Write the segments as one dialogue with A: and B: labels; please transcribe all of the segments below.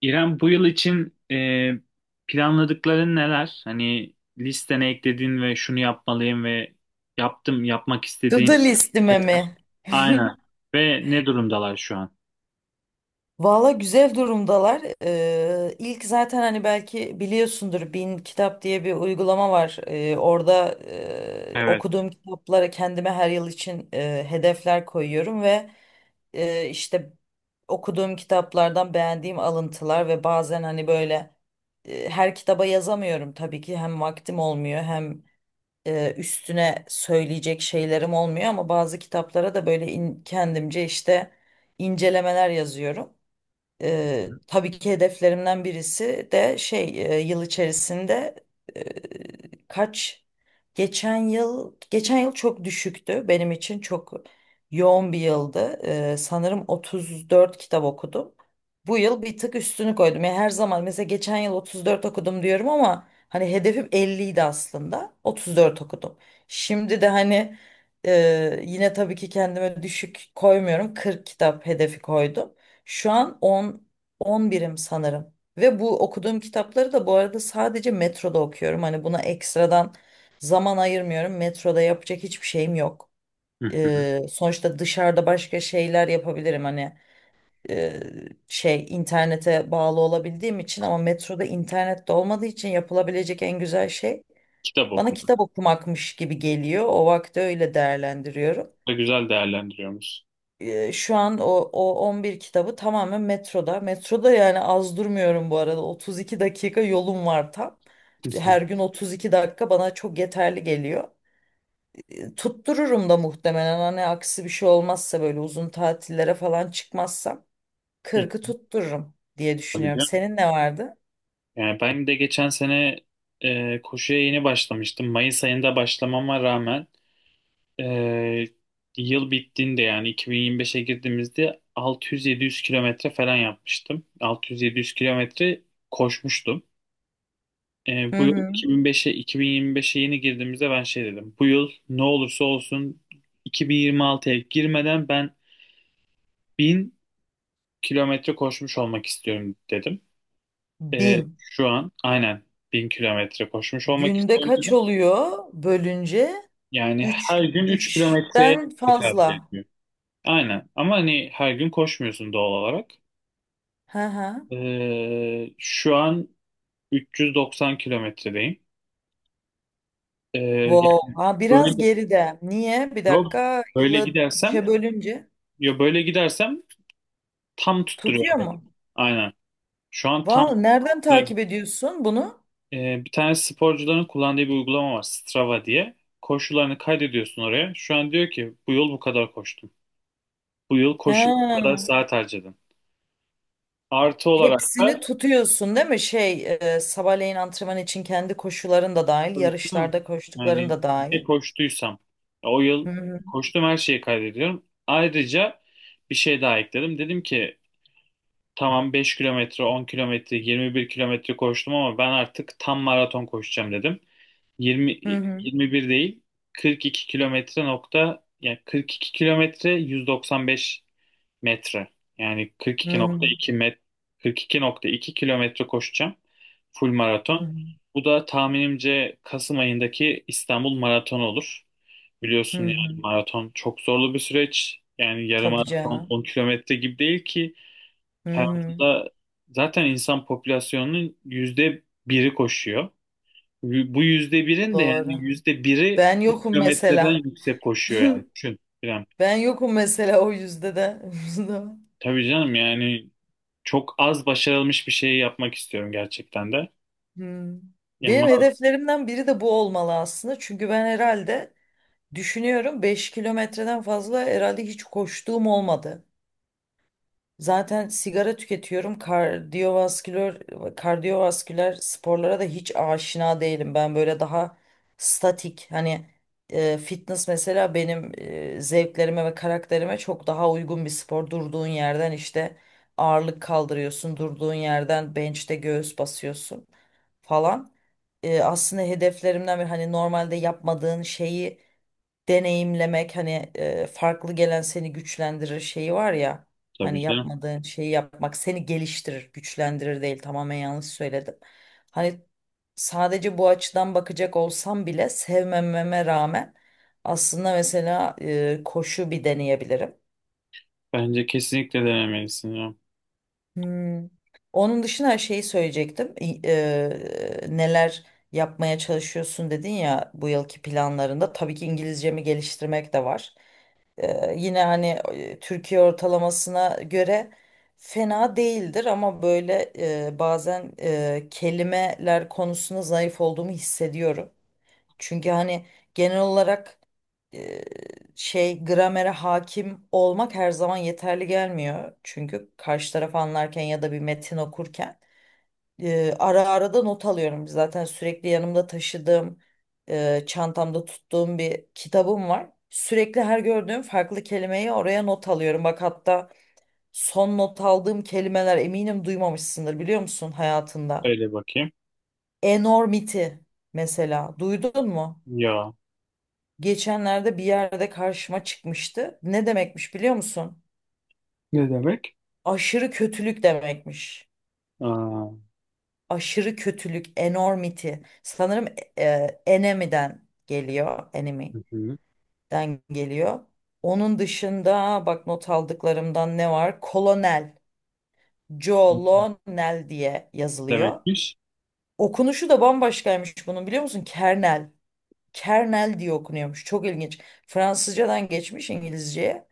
A: İrem, bu yıl için planladıkların neler? Hani listene eklediğin ve şunu yapmalıyım ve yaptım, yapmak
B: To
A: istediğin
B: do listime
A: şeyler.
B: mi?
A: Aynen. Ve ne durumdalar şu an?
B: Valla güzel durumdalar. İlk zaten hani belki biliyorsundur Bin Kitap diye bir uygulama var. Orada
A: Evet.
B: okuduğum kitaplara kendime her yıl için hedefler koyuyorum ve işte okuduğum kitaplardan beğendiğim alıntılar ve bazen hani böyle her kitaba yazamıyorum tabii ki hem vaktim olmuyor hem üstüne söyleyecek şeylerim olmuyor ama bazı kitaplara da böyle kendimce işte incelemeler yazıyorum. Tabii ki hedeflerimden birisi de şey yıl içerisinde eee, kaç geçen yıl geçen yıl çok düşüktü, benim için çok yoğun bir yıldı. Sanırım 34 kitap okudum. Bu yıl bir tık üstünü koydum. Yani her zaman mesela geçen yıl 34 okudum diyorum ama hani hedefim 50 idi aslında. 34 okudum. Şimdi de hani yine tabii ki kendime düşük koymuyorum. 40 kitap hedefi koydum. Şu an 11'im sanırım. Ve bu okuduğum kitapları da bu arada sadece metroda okuyorum. Hani buna ekstradan zaman ayırmıyorum. Metroda yapacak hiçbir şeyim yok.
A: Hı hı.
B: Sonuçta dışarıda başka şeyler yapabilirim. Hani e, şey internete bağlı olabildiğim için, ama metroda internet de olmadığı için yapılabilecek en güzel şey
A: Kitap
B: bana
A: okuma.
B: kitap okumakmış gibi geliyor. O vakti öyle değerlendiriyorum.
A: Da güzel değerlendiriyoruz.
B: Şu an o 11 kitabı tamamen metroda. Metroda yani az durmuyorum bu arada. 32 dakika yolum var tam.
A: Hı hı.
B: Her gün 32 dakika bana çok yeterli geliyor. Tuttururum da muhtemelen, hani aksi bir şey olmazsa, böyle uzun tatillere falan çıkmazsam
A: Hı.
B: 40'ı tuttururum diye
A: Tabii
B: düşünüyorum.
A: canım.
B: Senin ne vardı?
A: Yani ben de geçen sene koşuya yeni başlamıştım. Mayıs ayında başlamama rağmen Ee, yıl bittiğinde, yani 2025'e girdiğimizde, 600-700 kilometre falan yapmıştım. 600-700 kilometre koşmuştum.
B: Hı
A: Bu yıl
B: hı.
A: 2005'e 2025'e yeni girdiğimizde ben şey dedim: bu yıl ne olursa olsun 2026'ya girmeden ben 1000 kilometre koşmuş olmak istiyorum dedim.
B: 1000.
A: Şu an aynen 1000 kilometre koşmuş olmak
B: Günde
A: istiyorum
B: kaç
A: dedim.
B: oluyor bölünce?
A: Yani
B: 3
A: her gün 3 kilometre
B: 3'ten
A: tekabül
B: fazla.
A: ediyor. Aynen. Ama hani her gün koşmuyorsun, doğal olarak.
B: Hı hı.
A: Şu an 390 kilometredeyim. Yani
B: Wow. Ha, biraz
A: böyle
B: geride. Niye? Bir
A: yok,
B: dakika.
A: böyle
B: Yılı
A: gidersem
B: 3'e bölünce
A: ya böyle gidersem tam
B: tutuyor
A: tutturuyorum.
B: mu?
A: Aynen. Şu an tam.
B: Var. Nereden takip ediyorsun bunu?
A: Bir tane sporcuların kullandığı bir uygulama var, Strava diye. Koşularını kaydediyorsun oraya. Şu an diyor ki bu yıl bu kadar koştum. Bu yıl koşuya bu kadar
B: Ha.
A: saat harcadım. Artı olarak
B: Hepsini
A: da.
B: tutuyorsun değil mi? Şey, sabahleyin antrenman için kendi koşuların da dahil,
A: Tabii, değil mi?
B: yarışlarda koştukların
A: Yani
B: da dahil.
A: ne koştuysam o
B: Hı
A: yıl
B: hı.
A: koştum, her şeyi kaydediyorum. Ayrıca bir şey daha ekledim. Dedim ki tamam, 5 kilometre, 10 kilometre, 21 kilometre koştum ama ben artık tam maraton koşacağım dedim. Yirmi
B: Hı hı.
A: yirmi bir değil, 42 kilometre nokta, yani 42 kilometre 195 metre. Yani
B: Hı
A: 42.2
B: hı.
A: met 42.2 kilometre koşacağım. Full
B: Hı
A: maraton.
B: hı.
A: Bu da tahminimce Kasım ayındaki İstanbul Maratonu olur.
B: Hı
A: Biliyorsun
B: hı.
A: yani maraton çok zorlu bir süreç. Yani yarım
B: Tabii
A: maraton
B: canım.
A: 10 kilometre gibi değil ki.
B: Hı hı.
A: Hayatında zaten insan popülasyonunun yüzde biri koşuyor. Bu yüzde birin de, yani
B: Doğru.
A: yüzde biri
B: Ben yokum
A: kilometreden
B: mesela.
A: yüksek koşuyor yani. Düşün, İrem.
B: Ben yokum mesela o yüzde de.
A: Tabii canım, yani çok az başarılmış bir şeyi yapmak istiyorum gerçekten de.
B: Hmm.
A: Ama
B: Benim hedeflerimden biri de bu olmalı aslında. Çünkü ben herhalde düşünüyorum, 5 kilometreden fazla herhalde hiç koştuğum olmadı. Zaten sigara tüketiyorum. Kardiyovasküler sporlara da hiç aşina değilim. Ben böyle daha statik, hani fitness mesela benim zevklerime ve karakterime çok daha uygun bir spor. Durduğun yerden işte ağırlık kaldırıyorsun. Durduğun yerden bench'te göğüs basıyorsun falan. Aslında hedeflerimden bir, hani normalde yapmadığın şeyi deneyimlemek, hani farklı gelen seni güçlendirir şeyi var ya,
A: tabii
B: hani
A: canım.
B: yapmadığın şeyi yapmak seni geliştirir, güçlendirir değil, tamamen yanlış söyledim. Hani sadece bu açıdan bakacak olsam bile, sevmememe rağmen aslında mesela koşu bir deneyebilirim.
A: Bence kesinlikle denemelisin ya.
B: Hmm. Onun dışında şeyi söyleyecektim. Neler yapmaya çalışıyorsun dedin ya bu yılki planlarında. Tabii ki İngilizcemi geliştirmek de var. Yine hani Türkiye ortalamasına göre fena değildir ama böyle bazen kelimeler konusunda zayıf olduğumu hissediyorum. Çünkü hani genel olarak e, şey gramere hakim olmak her zaman yeterli gelmiyor. Çünkü karşı tarafı anlarken ya da bir metin okurken ara ara da not alıyorum. Zaten sürekli yanımda taşıdığım, çantamda tuttuğum bir kitabım var. Sürekli her gördüğüm farklı kelimeyi oraya not alıyorum. Bak hatta son not aldığım kelimeler, eminim duymamışsındır, biliyor musun hayatında?
A: Öyle bakayım.
B: Enormity mesela, duydun mu?
A: Ya.
B: Geçenlerde bir yerde karşıma çıkmıştı. Ne demekmiş biliyor musun?
A: Ne demek?
B: Aşırı kötülük demekmiş.
A: Aa,
B: Aşırı kötülük, enormity. Sanırım enemy'den geliyor, enemy'den
A: hı hı.
B: geliyor. Onun dışında bak, not aldıklarımdan ne var? Kolonel, Colonel diye yazılıyor.
A: Demekmiş.
B: Okunuşu da bambaşkaymış bunun, biliyor musun? Kernel. Kernel diye okunuyormuş. Çok ilginç. Fransızcadan geçmiş İngilizceye.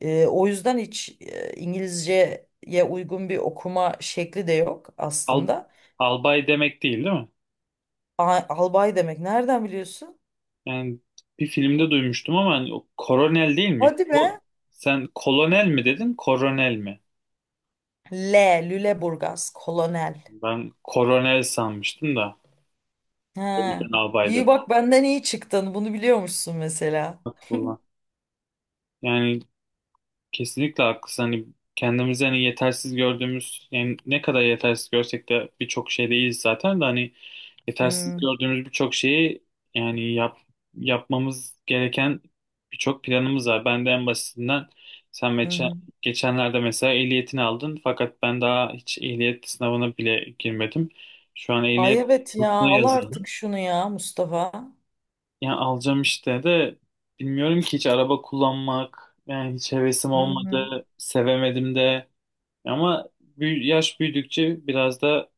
B: O yüzden hiç İngilizceye uygun bir okuma şekli de yok
A: Al,
B: aslında.
A: albay demek, değil değil mi?
B: Albay demek. Nereden biliyorsun?
A: Yani bir filmde duymuştum ama hani o koronel değil mi?
B: Hadi be.
A: Sen kolonel mi dedin, koronel mi?
B: L. Lüleburgaz. Kolonel.
A: Ben koronel sanmıştım da. O
B: Ha.
A: yüzden albay
B: İyi
A: dedim.
B: bak, benden iyi çıktın. Bunu biliyormuşsun mesela.
A: Aklına. Yani kesinlikle haklısın. Hani kendimizi hani yetersiz gördüğümüz, yani ne kadar yetersiz görsek de birçok şey değiliz zaten de, hani yetersiz
B: Hmm.
A: gördüğümüz birçok şeyi, yani yapmamız gereken birçok planımız var. Ben de en basitinden, sen
B: Hı
A: geçen,
B: hı.
A: geçenlerde mesela ehliyetini aldın fakat ben daha hiç ehliyet sınavına bile girmedim. Şu an
B: Ay
A: ehliyet
B: evet ya.
A: kursuna
B: Al
A: yazıldım.
B: artık şunu ya Mustafa.
A: Yani alacağım işte de bilmiyorum ki, hiç araba kullanmak, yani hiç hevesim
B: Hı hı.
A: olmadı, sevemedim de. Ama yaş büyüdükçe biraz da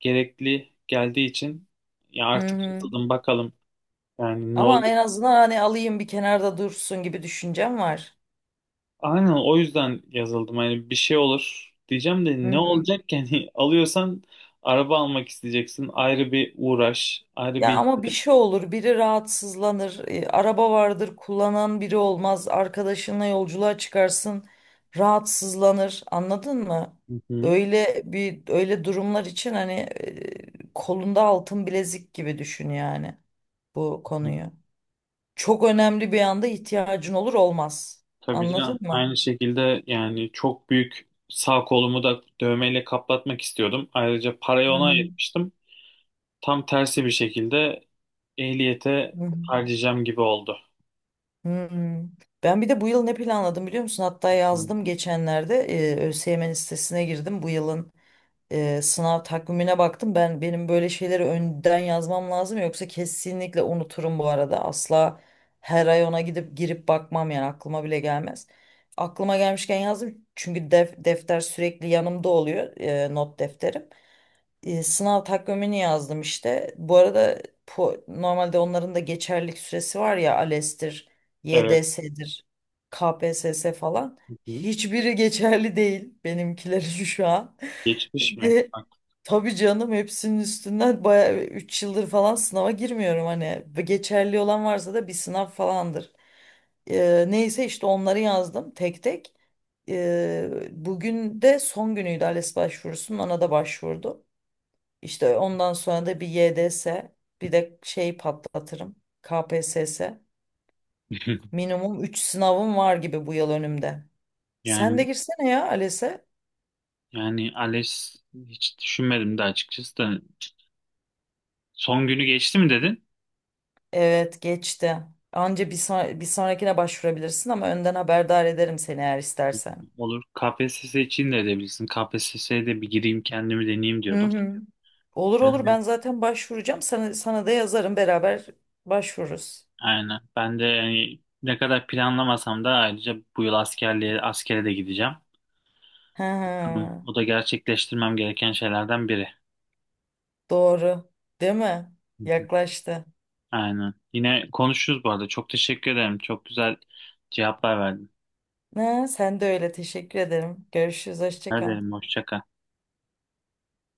A: gerekli geldiği için ya,
B: Hı
A: artık
B: hı.
A: yazıldım bakalım yani, ne
B: Ama
A: olur.
B: en azından hani alayım bir kenarda dursun gibi düşüncem var.
A: Aynen, o yüzden yazıldım. Hani bir şey olur diyeceğim de,
B: Hı
A: ne
B: hı.
A: olacak ki? Yani alıyorsan araba almak isteyeceksin. Ayrı bir uğraş, ayrı bir
B: Ya ama bir
A: ihtiyaç.
B: şey olur, biri rahatsızlanır, araba vardır, kullanan biri olmaz, arkadaşınla yolculuğa çıkarsın, rahatsızlanır, anladın mı?
A: Hı hı hı
B: Öyle bir, öyle durumlar için hani kolunda altın bilezik gibi düşün yani bu
A: hı.
B: konuyu. Çok önemli bir anda ihtiyacın olur olmaz.
A: Tabii
B: Anladın
A: canım.
B: mı?
A: Aynı şekilde yani çok büyük sağ kolumu da dövmeyle kaplatmak istiyordum. Ayrıca parayı
B: Hı
A: ona
B: hı.
A: ayırmıştım. Tam tersi bir şekilde ehliyete
B: Hı hı.
A: harcayacağım gibi oldu.
B: Hı hı. Ben bir de bu yıl ne planladım, biliyor musun? Hatta yazdım
A: Hı.
B: geçenlerde. ÖSYM'nin sitesine girdim. Bu yılın sınav takvimine baktım. Benim böyle şeyleri önden yazmam lazım, yoksa kesinlikle unuturum bu arada. Asla her ay ona gidip girip bakmam, yani aklıma bile gelmez. Aklıma gelmişken yazdım, çünkü defter sürekli yanımda oluyor, not defterim. Sınav takvimini yazdım işte. Bu arada normalde onların da geçerlilik süresi var ya, ALES'tir,
A: Evet.
B: YDS'dir, KPSS falan.
A: Hı hı.
B: Hiçbiri geçerli değil benimkileri şu an.
A: Geçmiş mi?
B: Ve tabii canım, hepsinin üstünden bayağı 3 yıldır falan sınava girmiyorum hani. Geçerli olan varsa da bir sınav falandır. Neyse işte onları yazdım tek tek. Bugün de son günüydü ALES başvurusunun, ona da başvurdum. İşte ondan sonra da bir YDS, bir de şey patlatırım. KPSS. Minimum 3 sınavım var gibi bu yıl önümde. Sen de
A: Yani
B: girsene ya ALES'e.
A: yani ALES hiç düşünmedim de açıkçası da, son günü geçti mi dedin?
B: Evet, geçti. Anca bir sonrakine başvurabilirsin, ama önden haberdar ederim seni eğer istersen.
A: Olur. KPSS için de edebilirsin. KPSS'ye de bir gireyim, kendimi deneyeyim
B: Hı
A: diyordum.
B: hı. Olur
A: Hı
B: olur,
A: hı.
B: ben zaten başvuracağım. Sana da yazarım, beraber başvururuz.
A: Aynen. Ben de, yani ne kadar planlamasam da, ayrıca bu yıl askere de gideceğim.
B: Hı.
A: Hı. O da gerçekleştirmem gereken şeylerden biri.
B: Doğru. Değil mi?
A: Hı hı.
B: Yaklaştı.
A: Aynen. Yine konuşuruz bu arada. Çok teşekkür ederim. Çok güzel cevaplar verdin.
B: Ha, sen de öyle, teşekkür ederim. Görüşürüz. Hoşça
A: Ne
B: kal.
A: derim? Hoşça kal.